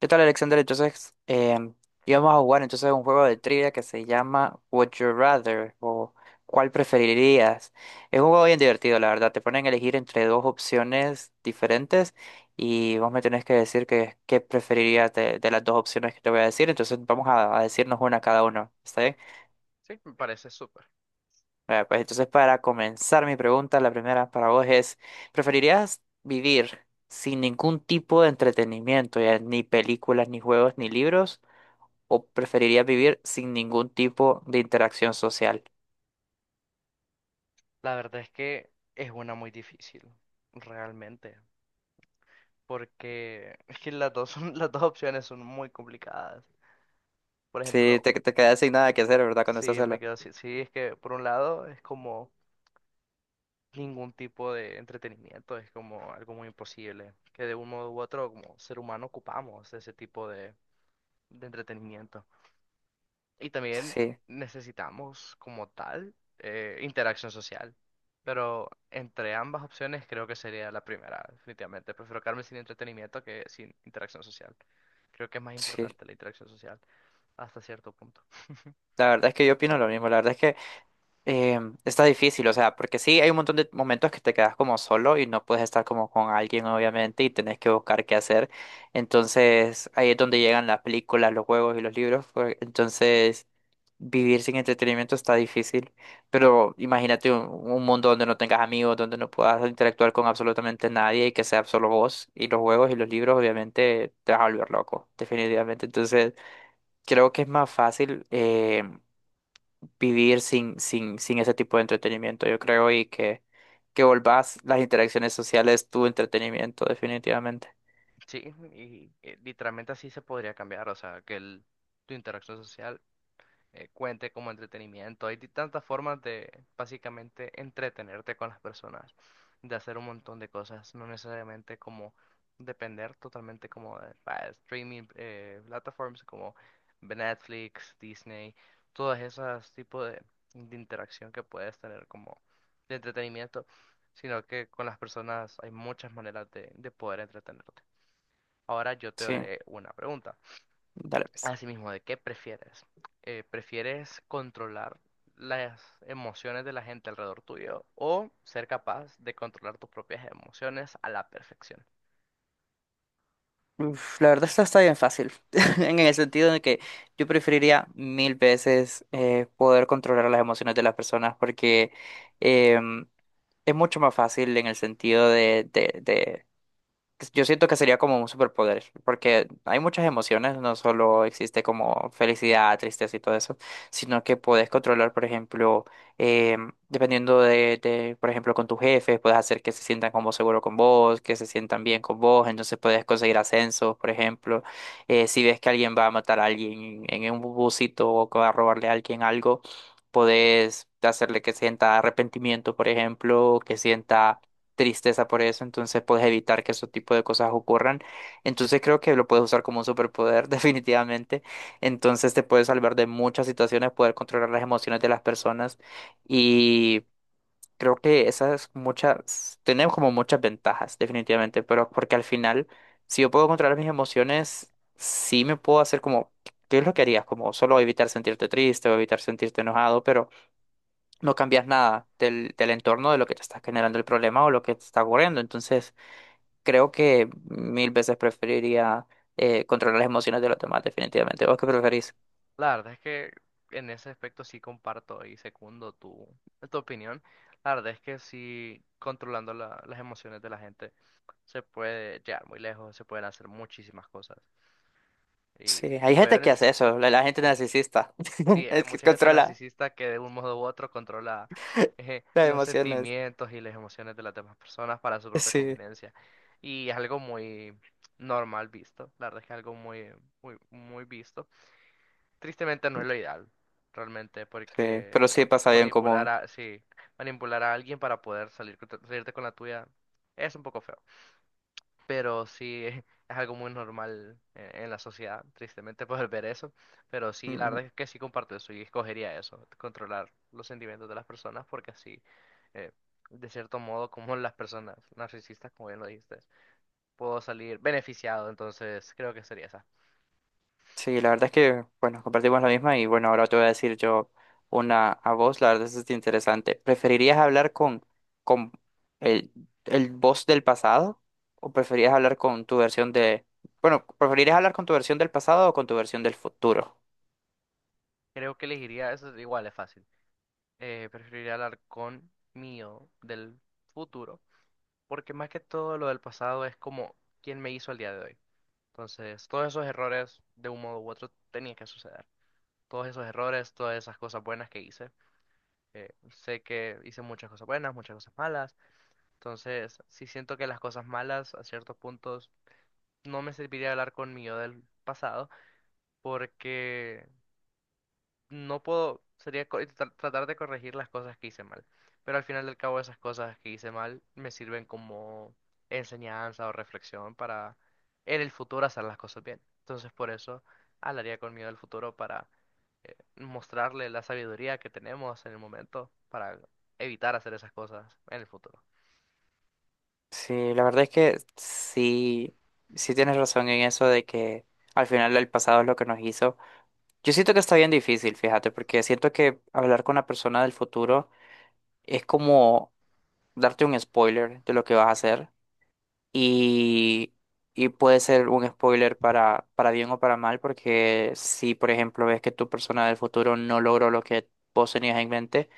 ¿Qué tal, Alexander? Entonces, íbamos a jugar entonces un juego de trivia que se llama Would You Rather o ¿cuál preferirías? Es un juego bien divertido, la verdad. Te ponen a elegir entre dos opciones diferentes y vos me tenés que decir qué preferirías de las dos opciones que te voy a decir. Entonces, vamos a decirnos una cada uno. ¿Está bien? Sí, me parece súper. Bueno, pues entonces, para comenzar mi pregunta, la primera para vos es, ¿preferirías vivir sin ningún tipo de entretenimiento, ya ni películas, ni juegos, ni libros, o preferirías vivir sin ningún tipo de interacción social? La verdad es que es una muy difícil, realmente, porque es que las dos opciones son muy complicadas. Por Sí, ejemplo, te quedas sin nada que hacer, ¿verdad? Cuando estás si me solo. quedo así, sí, es que por un lado es como ningún tipo de entretenimiento, es como algo muy imposible, que de un modo u otro como ser humano ocupamos ese tipo de entretenimiento. Y también Sí, necesitamos como tal interacción social. Pero entre ambas opciones creo que sería la primera, definitivamente. Prefiero quedarme sin entretenimiento que sin interacción social. Creo que es más sí. importante la interacción social hasta cierto punto. La verdad es que yo opino lo mismo. La verdad es que está difícil, o sea, porque sí hay un montón de momentos que te quedas como solo y no puedes estar como con alguien, obviamente, y tenés que buscar qué hacer. Entonces, ahí es donde llegan las películas, los juegos y los libros. Pues, entonces, vivir sin entretenimiento está difícil, pero imagínate un mundo donde no tengas amigos, donde no puedas interactuar con absolutamente nadie y que sea solo vos y los juegos y los libros, obviamente te vas a volver loco, definitivamente. Entonces, creo que es más fácil vivir sin ese tipo de entretenimiento, yo creo, que volvás las interacciones sociales tu entretenimiento, definitivamente. Sí, literalmente así se podría cambiar. O sea, que tu interacción social cuente como entretenimiento. Hay tantas formas de básicamente entretenerte con las personas, de hacer un montón de cosas, no necesariamente como depender totalmente como de streaming platforms como Netflix, Disney, todas esas tipos de interacción que puedes tener como de entretenimiento, sino que con las personas hay muchas maneras de poder entretenerte. Ahora yo te Sí, haré una pregunta. dale pues. Así mismo, ¿de qué prefieres? ¿prefieres controlar las emociones de la gente alrededor tuyo o ser capaz de controlar tus propias emociones a la perfección? Uf, la verdad, esta está bien fácil, en el sentido de que yo preferiría mil veces poder controlar las emociones de las personas porque em, es mucho más fácil en el sentido de pues, yo siento que sería como un superpoder, porque hay muchas emociones, no solo existe como felicidad, tristeza y todo eso, sino que puedes controlar, por ejemplo, dependiendo por ejemplo, con tus jefes, puedes hacer que se sientan como seguro con vos, que se sientan bien con vos, entonces puedes conseguir ascensos, por ejemplo. Si ves que alguien va a matar a alguien en un busito o que va a robarle a alguien algo, puedes hacerle que sienta arrepentimiento, por ejemplo, que sienta tristeza por eso, entonces puedes evitar que ese tipo de cosas ocurran. Entonces creo que lo puedes usar como un superpoder, definitivamente. Entonces te puedes salvar de muchas situaciones, poder controlar las emociones de las personas y creo que esas muchas, tenemos como muchas ventajas, definitivamente, pero porque al final, si yo puedo controlar mis emociones, sí me puedo hacer como, ¿qué es lo que harías? Como solo evitar sentirte triste o evitar sentirte enojado, pero no cambias nada del entorno de lo que te está generando el problema o lo que te está ocurriendo. Entonces, creo que mil veces preferiría controlar las emociones de los demás, definitivamente. ¿Vos qué preferís? La verdad es que en ese aspecto sí comparto y secundo tu opinión. La verdad es que sí, controlando las emociones de la gente se puede llegar muy lejos, se pueden hacer muchísimas cosas. Sí, Y hay lo veo gente en que el... hace s- eso, la gente narcisista, Sí, hay es que mucha gente controla narcisista que de un modo u otro controla las los emociones. sentimientos y las emociones de las demás personas para su propia Sí, conveniencia. Y es algo muy normal visto, la verdad es que es algo muy visto. Tristemente no es lo ideal, realmente, sí, porque pero sí oh, pasa bien manipular común. a, sí, manipular a alguien para poder salir, con salirte con la tuya es un poco feo pero sí es algo muy normal en la sociedad, tristemente poder ver eso, pero sí, la verdad es que sí comparto eso y escogería eso, controlar los sentimientos de las personas porque así, eh, de cierto modo, como las personas narcisistas, como bien lo dijiste, puedo salir beneficiado, entonces creo que sería esa. Sí, la verdad es que, bueno, compartimos la misma y bueno, ahora te voy a decir yo una a vos, la verdad es que es interesante. ¿Preferirías hablar con el, el vos del pasado o preferirías hablar con tu versión de, bueno, preferirías hablar con tu versión del pasado o con tu versión del futuro? Creo que elegiría, eso igual es fácil, preferiría hablar con mío del futuro, porque más que todo lo del pasado es como quién me hizo el día de hoy. Entonces, todos esos errores, de un modo u otro, tenían que suceder. Todos esos errores, todas esas cosas buenas que hice. Eh, sé que hice muchas cosas buenas, muchas cosas malas. Entonces, sí siento que las cosas malas, a ciertos puntos, no me serviría hablar con mi yo del pasado, porque no puedo, sería tratar de corregir las cosas que hice mal. Pero al final del cabo esas cosas que hice mal me sirven como enseñanza o reflexión para en el futuro hacer las cosas bien. Entonces por eso hablaría con miedo al futuro para mostrarle la sabiduría que tenemos en el momento para evitar hacer esas cosas en el futuro. Sí, la verdad es que sí, sí tienes razón en eso de que al final el pasado es lo que nos hizo. Yo siento que está bien difícil, fíjate, porque siento que hablar con una persona del futuro es como darte un spoiler de lo que vas a hacer y, y puede ser un spoiler para bien o para mal, porque si, por ejemplo, ves que tu persona del futuro no logró lo que vos tenías en mente,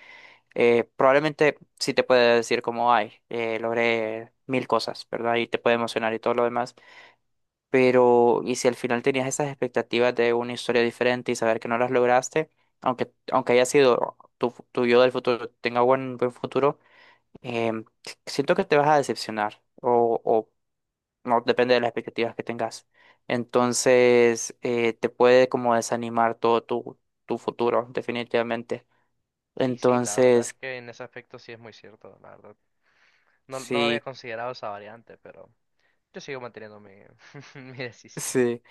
probablemente sí te puede decir como, ay, logré mil cosas, ¿verdad? Y te puede emocionar y todo lo demás, pero y si al final tenías esas expectativas de una historia diferente y saber que no las lograste, aunque haya sido... tu yo del futuro tenga buen futuro, em, siento que te vas a decepcionar o no, depende de las expectativas que tengas. Entonces, te puede como desanimar todo tu futuro, definitivamente. Sí, sí, la verdad es Entonces, que en ese aspecto sí es muy cierto, la verdad. No, no había sí. considerado esa variante, pero yo sigo manteniendo mi decisión. Sí.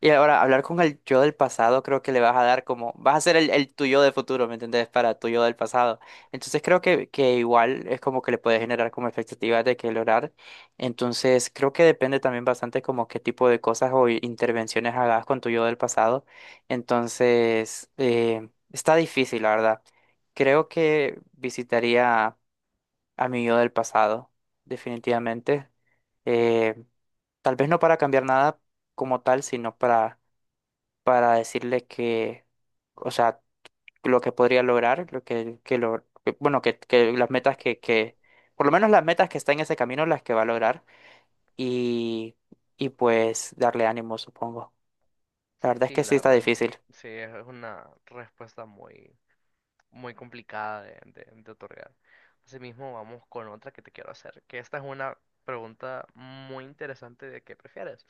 Y ahora, hablar con el yo del pasado, creo que le vas a dar como, vas a ser el tuyo de futuro, ¿me entendés? Para tu yo del pasado. Entonces creo que igual es como que le puedes generar como expectativas de que lograr. Entonces creo que depende también bastante como qué tipo de cosas o intervenciones hagas con tu yo del pasado. Entonces, está difícil, la verdad. Creo que visitaría a mi yo del pasado, definitivamente. Eh, Tal vez no para cambiar nada como tal, sino para decirle que, o sea, lo que podría lograr, lo que lo, que- bueno, que las metas por lo menos las metas que está en ese camino, las que va a lograr y, y pues darle ánimo, supongo. La verdad es Sí, que sí la está verdad, difícil. sí, es una respuesta muy, muy complicada de otorgar. Asimismo, vamos con otra que te quiero hacer, que esta es una pregunta muy interesante de qué prefieres.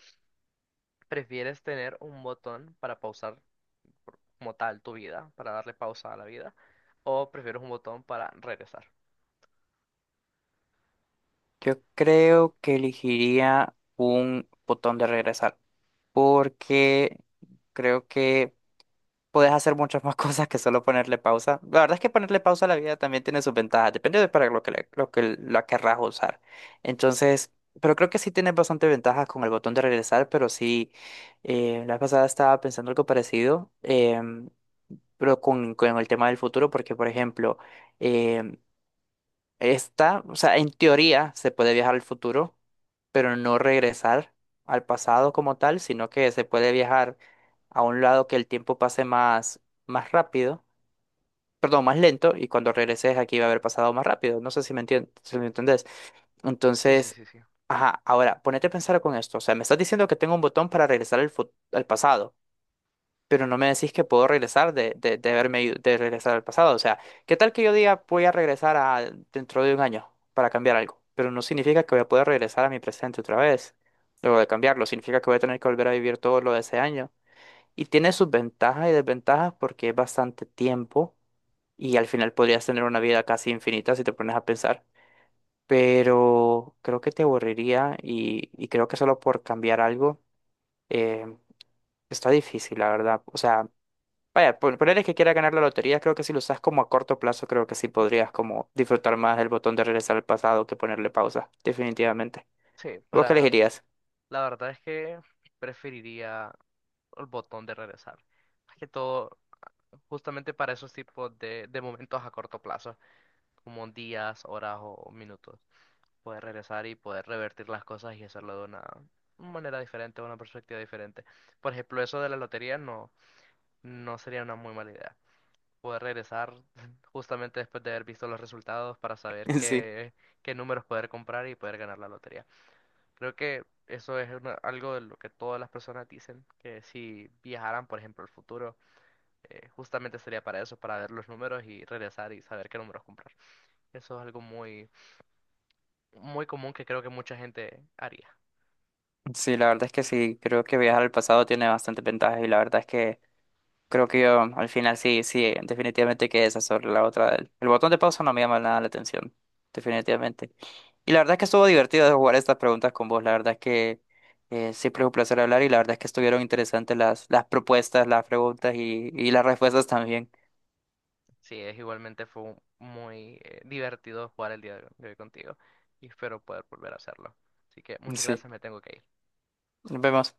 ¿Prefieres tener un botón para pausar como tal tu vida, para darle pausa a la vida, o prefieres un botón para regresar? Yo creo que elegiría un botón de regresar, porque creo que puedes hacer muchas más cosas que solo ponerle pausa. La verdad es que ponerle pausa a la vida también tiene sus ventajas, depende de para lo que, lo que la querrás usar. Entonces, pero creo que sí tienes bastante ventajas con el botón de regresar, pero sí, la vez pasada estaba pensando algo parecido, pero con el tema del futuro, porque por ejemplo, em, esta, o sea, en teoría se puede viajar al futuro, pero no regresar al pasado como tal, sino que se puede viajar a un lado que el tiempo pase más rápido, perdón, más lento, y cuando regreses aquí va a haber pasado más rápido. No sé si me entiendes, si me entendés. Sí, sí, Entonces, sí, sí. ajá, ahora, ponete a pensar con esto. O sea, me estás diciendo que tengo un botón para regresar al, al pasado, pero no me decís que puedo regresar de de regresar al pasado. O sea, ¿qué tal que yo diga voy a regresar a dentro de un año para cambiar algo? Pero no significa que voy a poder regresar a mi presente otra vez, luego de cambiarlo. Significa que voy a tener que volver a vivir todo lo de ese año. Y tiene sus ventajas y desventajas porque es bastante tiempo y al final podrías tener una vida casi infinita si te pones a pensar. Pero creo que te aburriría y creo que solo por cambiar algo eh, está difícil, la verdad. O sea, vaya, ponerle que quiera ganar la lotería, creo que si lo usas como a corto plazo, creo que sí podrías como disfrutar más el botón de regresar al pasado que ponerle pausa, definitivamente. Sí, ¿Vos qué para, elegirías? la verdad es que preferiría el botón de regresar. Más que todo, justamente para esos tipos de momentos a corto plazo. Como días, horas o minutos. Poder regresar y poder revertir las cosas y hacerlo de una manera diferente, una perspectiva diferente. Por ejemplo, eso de la lotería no, no sería una muy mala idea. Poder regresar justamente después de haber visto los resultados para saber Sí. Qué números poder comprar y poder ganar la lotería. Creo que eso es una- algo de lo que todas las personas dicen, que si viajaran, por ejemplo, al futuro, justamente sería para eso, para ver los números y regresar y saber qué números comprar. Eso es algo muy, muy común que creo que mucha gente haría. Sí, la verdad es que sí, creo que viajar al pasado tiene bastantes ventajas y la verdad es que creo que yo al final sí, sí, definitivamente que esa sobre la otra. El botón de pausa no me llama nada la atención, definitivamente. Y la verdad es que estuvo divertido de jugar estas preguntas con vos. La verdad es que siempre es un placer hablar y la verdad es que estuvieron interesantes las propuestas, las preguntas y las respuestas también. Sí, es igualmente fue un- muy divertido jugar el día de hoy contigo y espero poder volver a hacerlo. Así que muchas Sí, gracias, me tengo que ir. nos vemos.